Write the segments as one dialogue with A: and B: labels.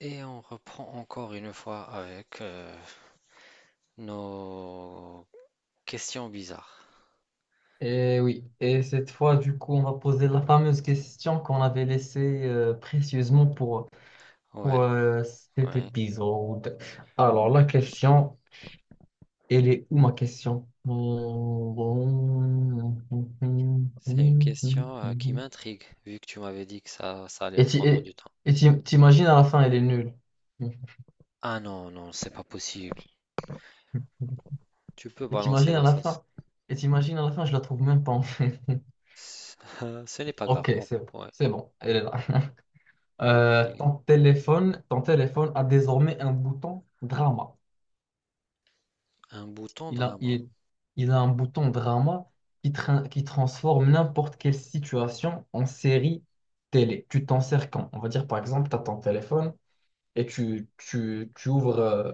A: Et on reprend encore une fois avec nos questions bizarres.
B: Et oui, et cette fois, du coup, on va poser la fameuse question qu'on avait laissée précieusement pour,
A: Ouais,
B: pour euh, cet
A: ouais.
B: épisode. Alors, la question, elle est où ma question?
A: C'est une question qui m'intrigue, vu que tu m'avais dit que ça allait
B: Et tu-
A: prendre
B: et-
A: du temps.
B: t'imagines à la fin, elle est nulle.
A: Ah non, non, c'est pas possible. Tu peux
B: Et
A: balancer
B: t'imagines à
A: la
B: la
A: sauce.
B: fin, je la trouve même pas en fait.
A: C- Ce n'est pas grave.
B: Ok,
A: Ouais,
B: c'est bon, elle est là.
A: ok.
B: Ton téléphone a désormais un bouton drama.
A: Un bouton
B: Il a,
A: drama.
B: il, il a un bouton drama qui transforme n'importe quelle situation en série télé. Tu t'en sers quand? On va dire par exemple, tu as ton téléphone et tu ouvres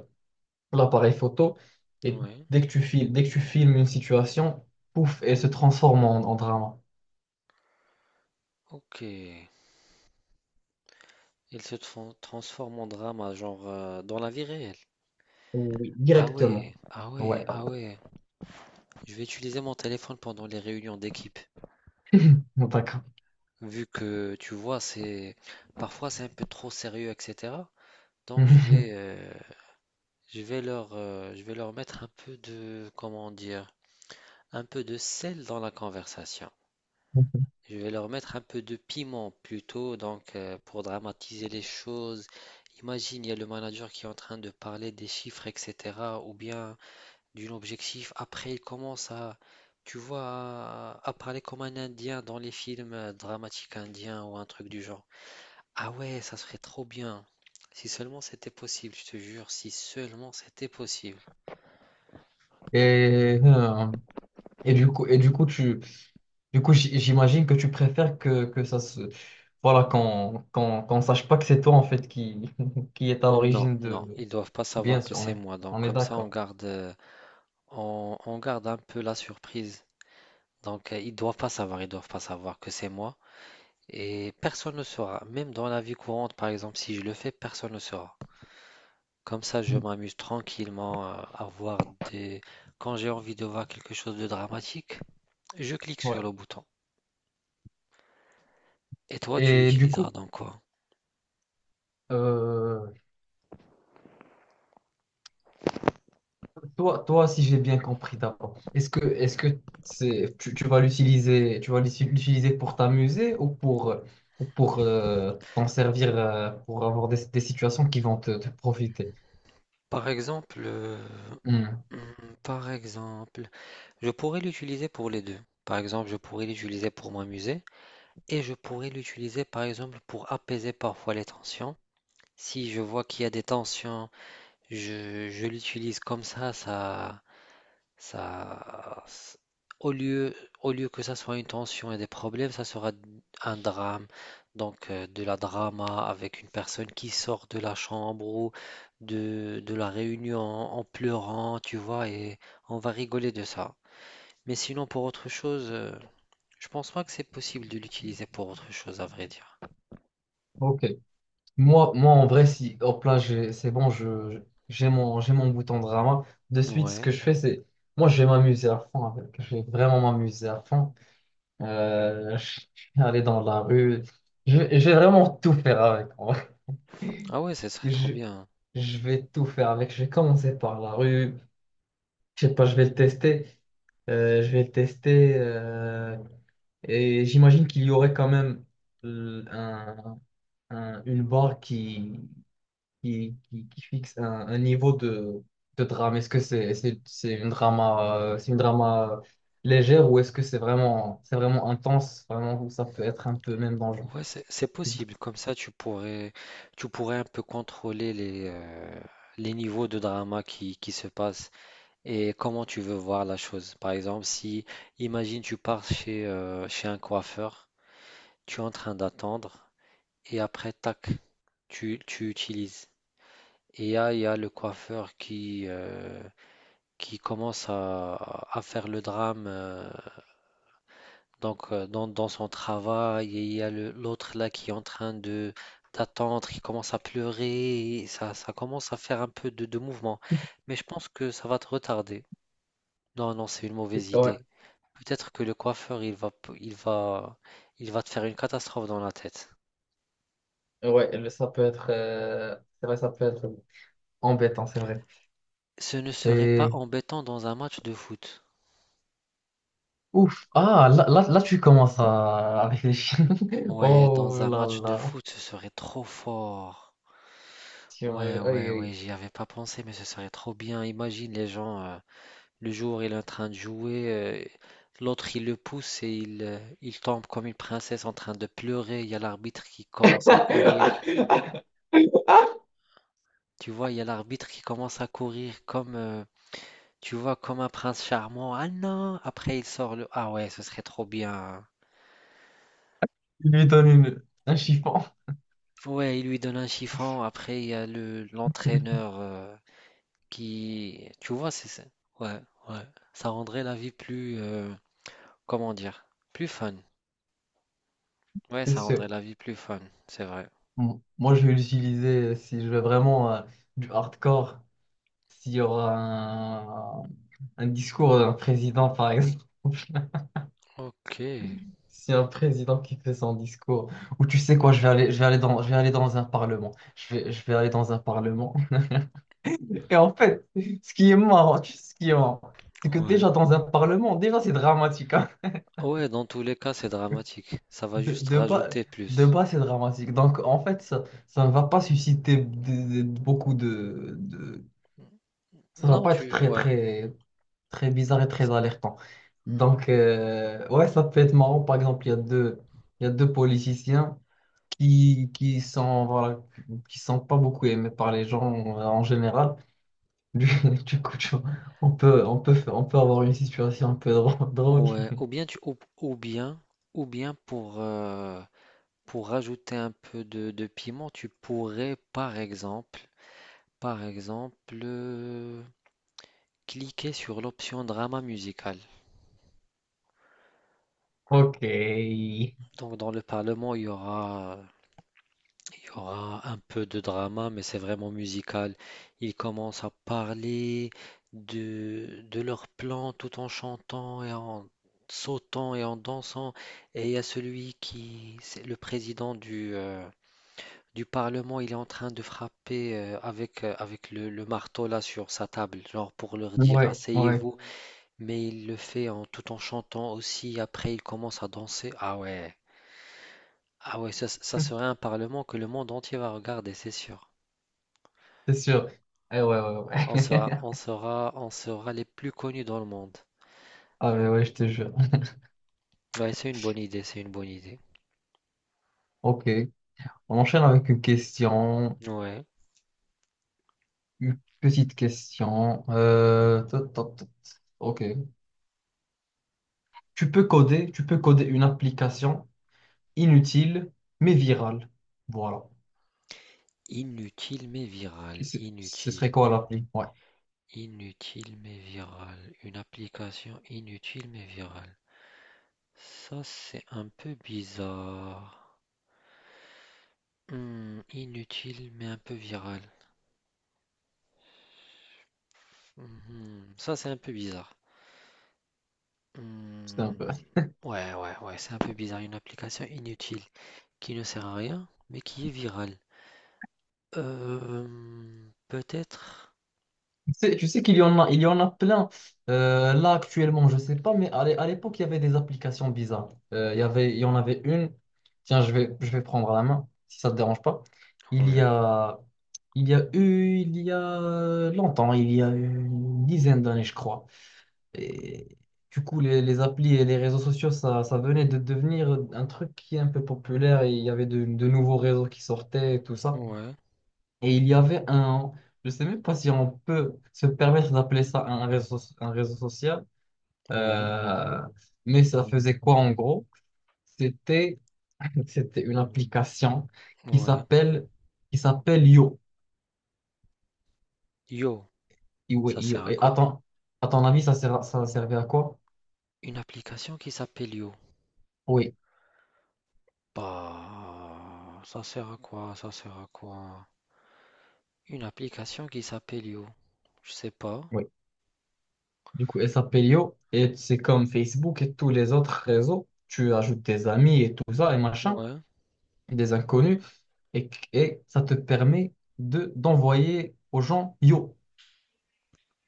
B: l'appareil photo et
A: Ouais,
B: dès que tu filmes une situation, pouf, elle se transforme en drama.
A: ok. Il se transforme en drama, genre dans la vie réelle.
B: Oui,
A: Ah ouais,
B: directement.
A: ah ouais,
B: Ouais,
A: ah ouais. Je vais utiliser mon téléphone pendant les réunions d'équipe.
B: d'accord.
A: Vu que tu vois, c'est parfois c'est un peu trop sérieux, etc. Donc je vais leur je vais leur mettre un peu de, comment dire, un peu de sel dans la conversation. Je vais leur mettre un peu de piment plutôt, donc pour dramatiser les choses. Imagine, il y a le manager qui est en train de parler des chiffres, etc., ou bien d'un objectif. Après, tu vois, à parler comme un Indien dans les films dramatiques indiens ou un truc du genre. Ah ouais, ça serait trop bien. Si seulement c'était possible, je te jure, si seulement c'était possible.
B: Et euh, et du coup, j'imagine que tu préfères que ça se, voilà, qu'on sache pas que c'est toi, en fait, qui, qui est à
A: Non,
B: l'origine
A: non,
B: de,
A: ils doivent pas savoir
B: bien
A: que
B: sûr, on
A: c'est
B: est,
A: moi. Donc
B: on est
A: comme ça,
B: d'accord.
A: on garde un peu la surprise. Donc ils doivent pas savoir, ils doivent pas savoir que c'est moi. Et personne ne saura. Même dans la vie courante, par exemple, si je le fais, personne ne saura. Comme ça, je m'amuse tranquillement à voir des... Quand j'ai envie de voir quelque chose de dramatique, je clique sur le
B: Ouais.
A: bouton. Et toi, tu
B: Et du coup,
A: l'utiliseras dans quoi?
B: euh, toi, si j'ai bien compris d'abord, est-ce que tu vas l'utiliser, tu vas l'uti- l'utiliser pour t'amuser ou pour t'en servir pour avoir des situations qui vont te profiter?
A: Par exemple,
B: Hmm.
A: mmh, par exemple, je pourrais l'utiliser pour les 2. Par exemple, je pourrais l'utiliser pour m'amuser et je pourrais l'utiliser, par exemple, pour apaiser parfois les tensions. Si je vois qu'il y a des tensions, je l'utilise comme ça, ça, au lieu, au lieu que ça soit une tension et des problèmes, ça sera un drame. Donc, de la drama avec une personne qui sort de la chambre ou de la réunion en pleurant, tu vois, et on va rigoler de ça. Mais sinon, pour autre chose, je pense pas que c'est possible de l'utiliser pour autre chose, à vrai dire.
B: Ok. Moi, en vrai, si hop là, c'est bon, j'ai mon bouton drama. De suite, ce
A: Ouais.
B: que je fais, c'est. Moi, je vais m'amuser à fond avec. Je vais vraiment m'amuser à fond. Je vais aller dans la rue. Je vais vraiment tout faire avec, en vrai.
A: Ah ouais, ce serait trop
B: Je,
A: bien.
B: je vais tout faire avec. Je vais commencer par la rue. Je sais pas, je vais le tester. Je vais le tester. Et j'imagine qu'il y aurait quand même euh, un- une barre qui fixe un niveau de drame. Est-ce que c'est une drama légère ou est-ce que c'est vraiment intense, vraiment où ça peut être un peu même dangereux?
A: Ouais, c'est possible. Comme ça, tu pourrais un peu contrôler les niveaux de drama qui se passent et comment tu veux voir la chose. Par exemple, si, imagine, tu pars chez un coiffeur, tu es en train d'attendre et après, tac, tu utilises. Et là, il y a le coiffeur qui qui commence à faire le drame. Donc, dans, dans son travail, il y a le- l'autre là qui est en train de d'attendre, qui commence à pleurer, et ça commence à faire un peu de mouvement. Mais je pense que ça va te retarder. Non, non, c'est une mauvaise
B: Ouais,
A: idée. Peut-être que le coiffeur, il va, p- il va te faire une catastrophe dans la tête.
B: ouais, ça peut être, c'est vrai, ça peut être embêtant, c'est vrai.
A: Ce ne serait pas
B: Et
A: embêtant dans un match de foot.
B: ouf, ah, là, là, là, tu commences à avec les chiens.
A: Ouais, dans
B: Oh
A: un
B: là
A: match de
B: là,
A: foot, ce serait trop fort.
B: Tu-
A: Ouais,
B: m'as-
A: ouais, ouais,
B: aïe,
A: j'y avais pas pensé, mais ce serait trop bien. Imagine les gens. Le jour, il est en train de jouer, l'autre, il le pousse et il tombe comme une princesse en train de pleurer. Il y a l'arbitre qui commence à courir.
B: aïe.
A: Tu vois, il y a l'arbitre qui commence à courir comme tu vois, comme un prince charmant. Ah non! Après, il sort le... Ah ouais, ce serait trop bien, hein.
B: Lui donne un chiffon,
A: Ouais, il lui donne un chiffon. Après, il y a l'entraîneur, qui... Ouais, ouais. Ça rendrait la vie plus... comment dire? Plus fun. Ouais,
B: c'est
A: ça rendrait
B: sûr.
A: la vie plus fun, c'est vrai.
B: Moi, je vais l'utiliser si je veux vraiment du hardcore, s'il y aura un discours d'un président, par exemple.
A: Ok,
B: Si un président qui fait son discours, ou tu sais quoi, je vais aller dans un parlement. Je vais aller dans un parlement. Et en fait, ce qui est marrant, tu sais ce qui est marrant, c'est que
A: ouais.
B: déjà dans un parlement, déjà c'est dramatique, hein.
A: Ouais, dans tous les cas, c'est dramatique. Ça va
B: De,
A: juste
B: de bas,
A: rajouter
B: de
A: plus.
B: bas, c'est dramatique. Donc en fait, ça ne va pas susciter beaucoup de, ça va
A: Non,
B: pas être
A: tu,
B: très
A: ouais,
B: très très bizarre et très
A: C'est-
B: alertant. Donc, ouais, ça peut être marrant. Par exemple, il y a deux politiciens qui sont, voilà, qui sont pas beaucoup aimés par les gens en général. Du, du coup, tu vois, on peut avoir une situation un peu drô- drôle.
A: ouais. Ou bien tu, ou bien pour rajouter un peu de piment, tu pourrais, par exemple, par exemple, euh, cliquer sur l'option drama musical.
B: Ok. Ouais,
A: Donc dans le Parlement, il y aura il y aura un peu de drama, mais c'est vraiment musical. Ils commencent à parler de leur plan tout en chantant et en sautant et en dansant. Et il y a celui qui, c'est le président du Parlement, il est en train de frapper avec, avec le marteau là sur sa table, genre pour leur dire
B: ouais,
A: asseyez-vous. Mais il le fait en, tout en chantant aussi. Après, il commence à danser. Ah ouais, ah ouais, ça ça serait un parlement que le monde entier va regarder, c'est sûr.
B: c'est sûr. Eh ouais, ouais,
A: On sera,
B: ouais.
A: on sera, on sera les plus connus dans le monde.
B: Ah, mais ouais, je te jure.
A: Ouais, c'est une bonne idée, c'est une bonne idée.
B: Ok. On enchaîne avec une question,
A: Ouais.
B: une petite question. Tot, tot, tot. Ok. Tu peux coder une application inutile, mais virale. Voilà.
A: Inutile mais virale,
B: Ce
A: inutile.
B: serait quoi l'appli? Ouais,
A: Inutile mais virale. Une application inutile mais virale. Ça, c'est un peu bizarre. Hmm, inutile mais un peu virale. Mhm, ça, c'est un peu bizarre.
B: c'est un peu.
A: Hmm, ouais, ouais, ouais, c'est un peu bizarre. Une application inutile qui ne sert à rien mais qui est virale. Euh, peut-être
B: Tu sais qu'il y en a plein. Là, actuellement, je sais pas, mais à l'époque, il y avait des applications bizarres. Il y en avait une. Tiens, je vais prendre la main, si ça te dérange pas. Il y
A: ouais,
B: a, il y a longtemps, il y a eu une dizaine d'années, je crois. Et du coup, les applis et les réseaux sociaux, ça venait de devenir un truc qui est un peu populaire et il y avait de nouveaux réseaux qui sortaient et tout ça.
A: ouais,
B: Et il y avait un, je sais même pas si on peut se permettre d'appeler ça un réseau social,
A: ouais,
B: euh, mais ça faisait quoi en gros? C'était, c'était une application qui
A: ouais.
B: s'appelle, qui s'appelle Yo.
A: Yo,
B: Et, oui,
A: ça
B: Yo.
A: sert à
B: Et à
A: quoi?
B: ton, à ton avis, ça servait à quoi?
A: Une application qui s'appelle Yo.
B: Oui.
A: Bah, ça sert à quoi? Ça sert à quoi? Une application qui s'appelle Yo. Je sais pas.
B: Oui. Du coup, elle s'appelle Yo et c'est comme Facebook et tous les autres réseaux. Tu ajoutes tes amis et tout ça et machin,
A: Ouais,
B: des inconnus et ça te permet de d'envoyer aux gens Yo.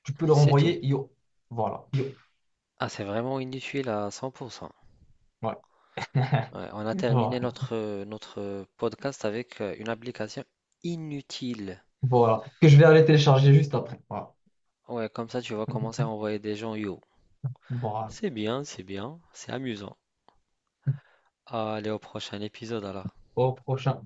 B: Tu peux leur
A: c'est tout.
B: envoyer Yo. Voilà, Yo.
A: Ah, c'est vraiment inutile à 100%.
B: Ouais.
A: Ouais, on a terminé
B: Voilà.
A: notre podcast avec une application inutile.
B: Voilà. Que je vais aller télécharger juste après. Voilà.
A: Ouais, comme ça, tu vas commencer à envoyer des gens Yo.
B: Voilà.
A: C'est bien, c'est bien, c'est amusant. Allez, au prochain épisode alors.
B: Au prochain.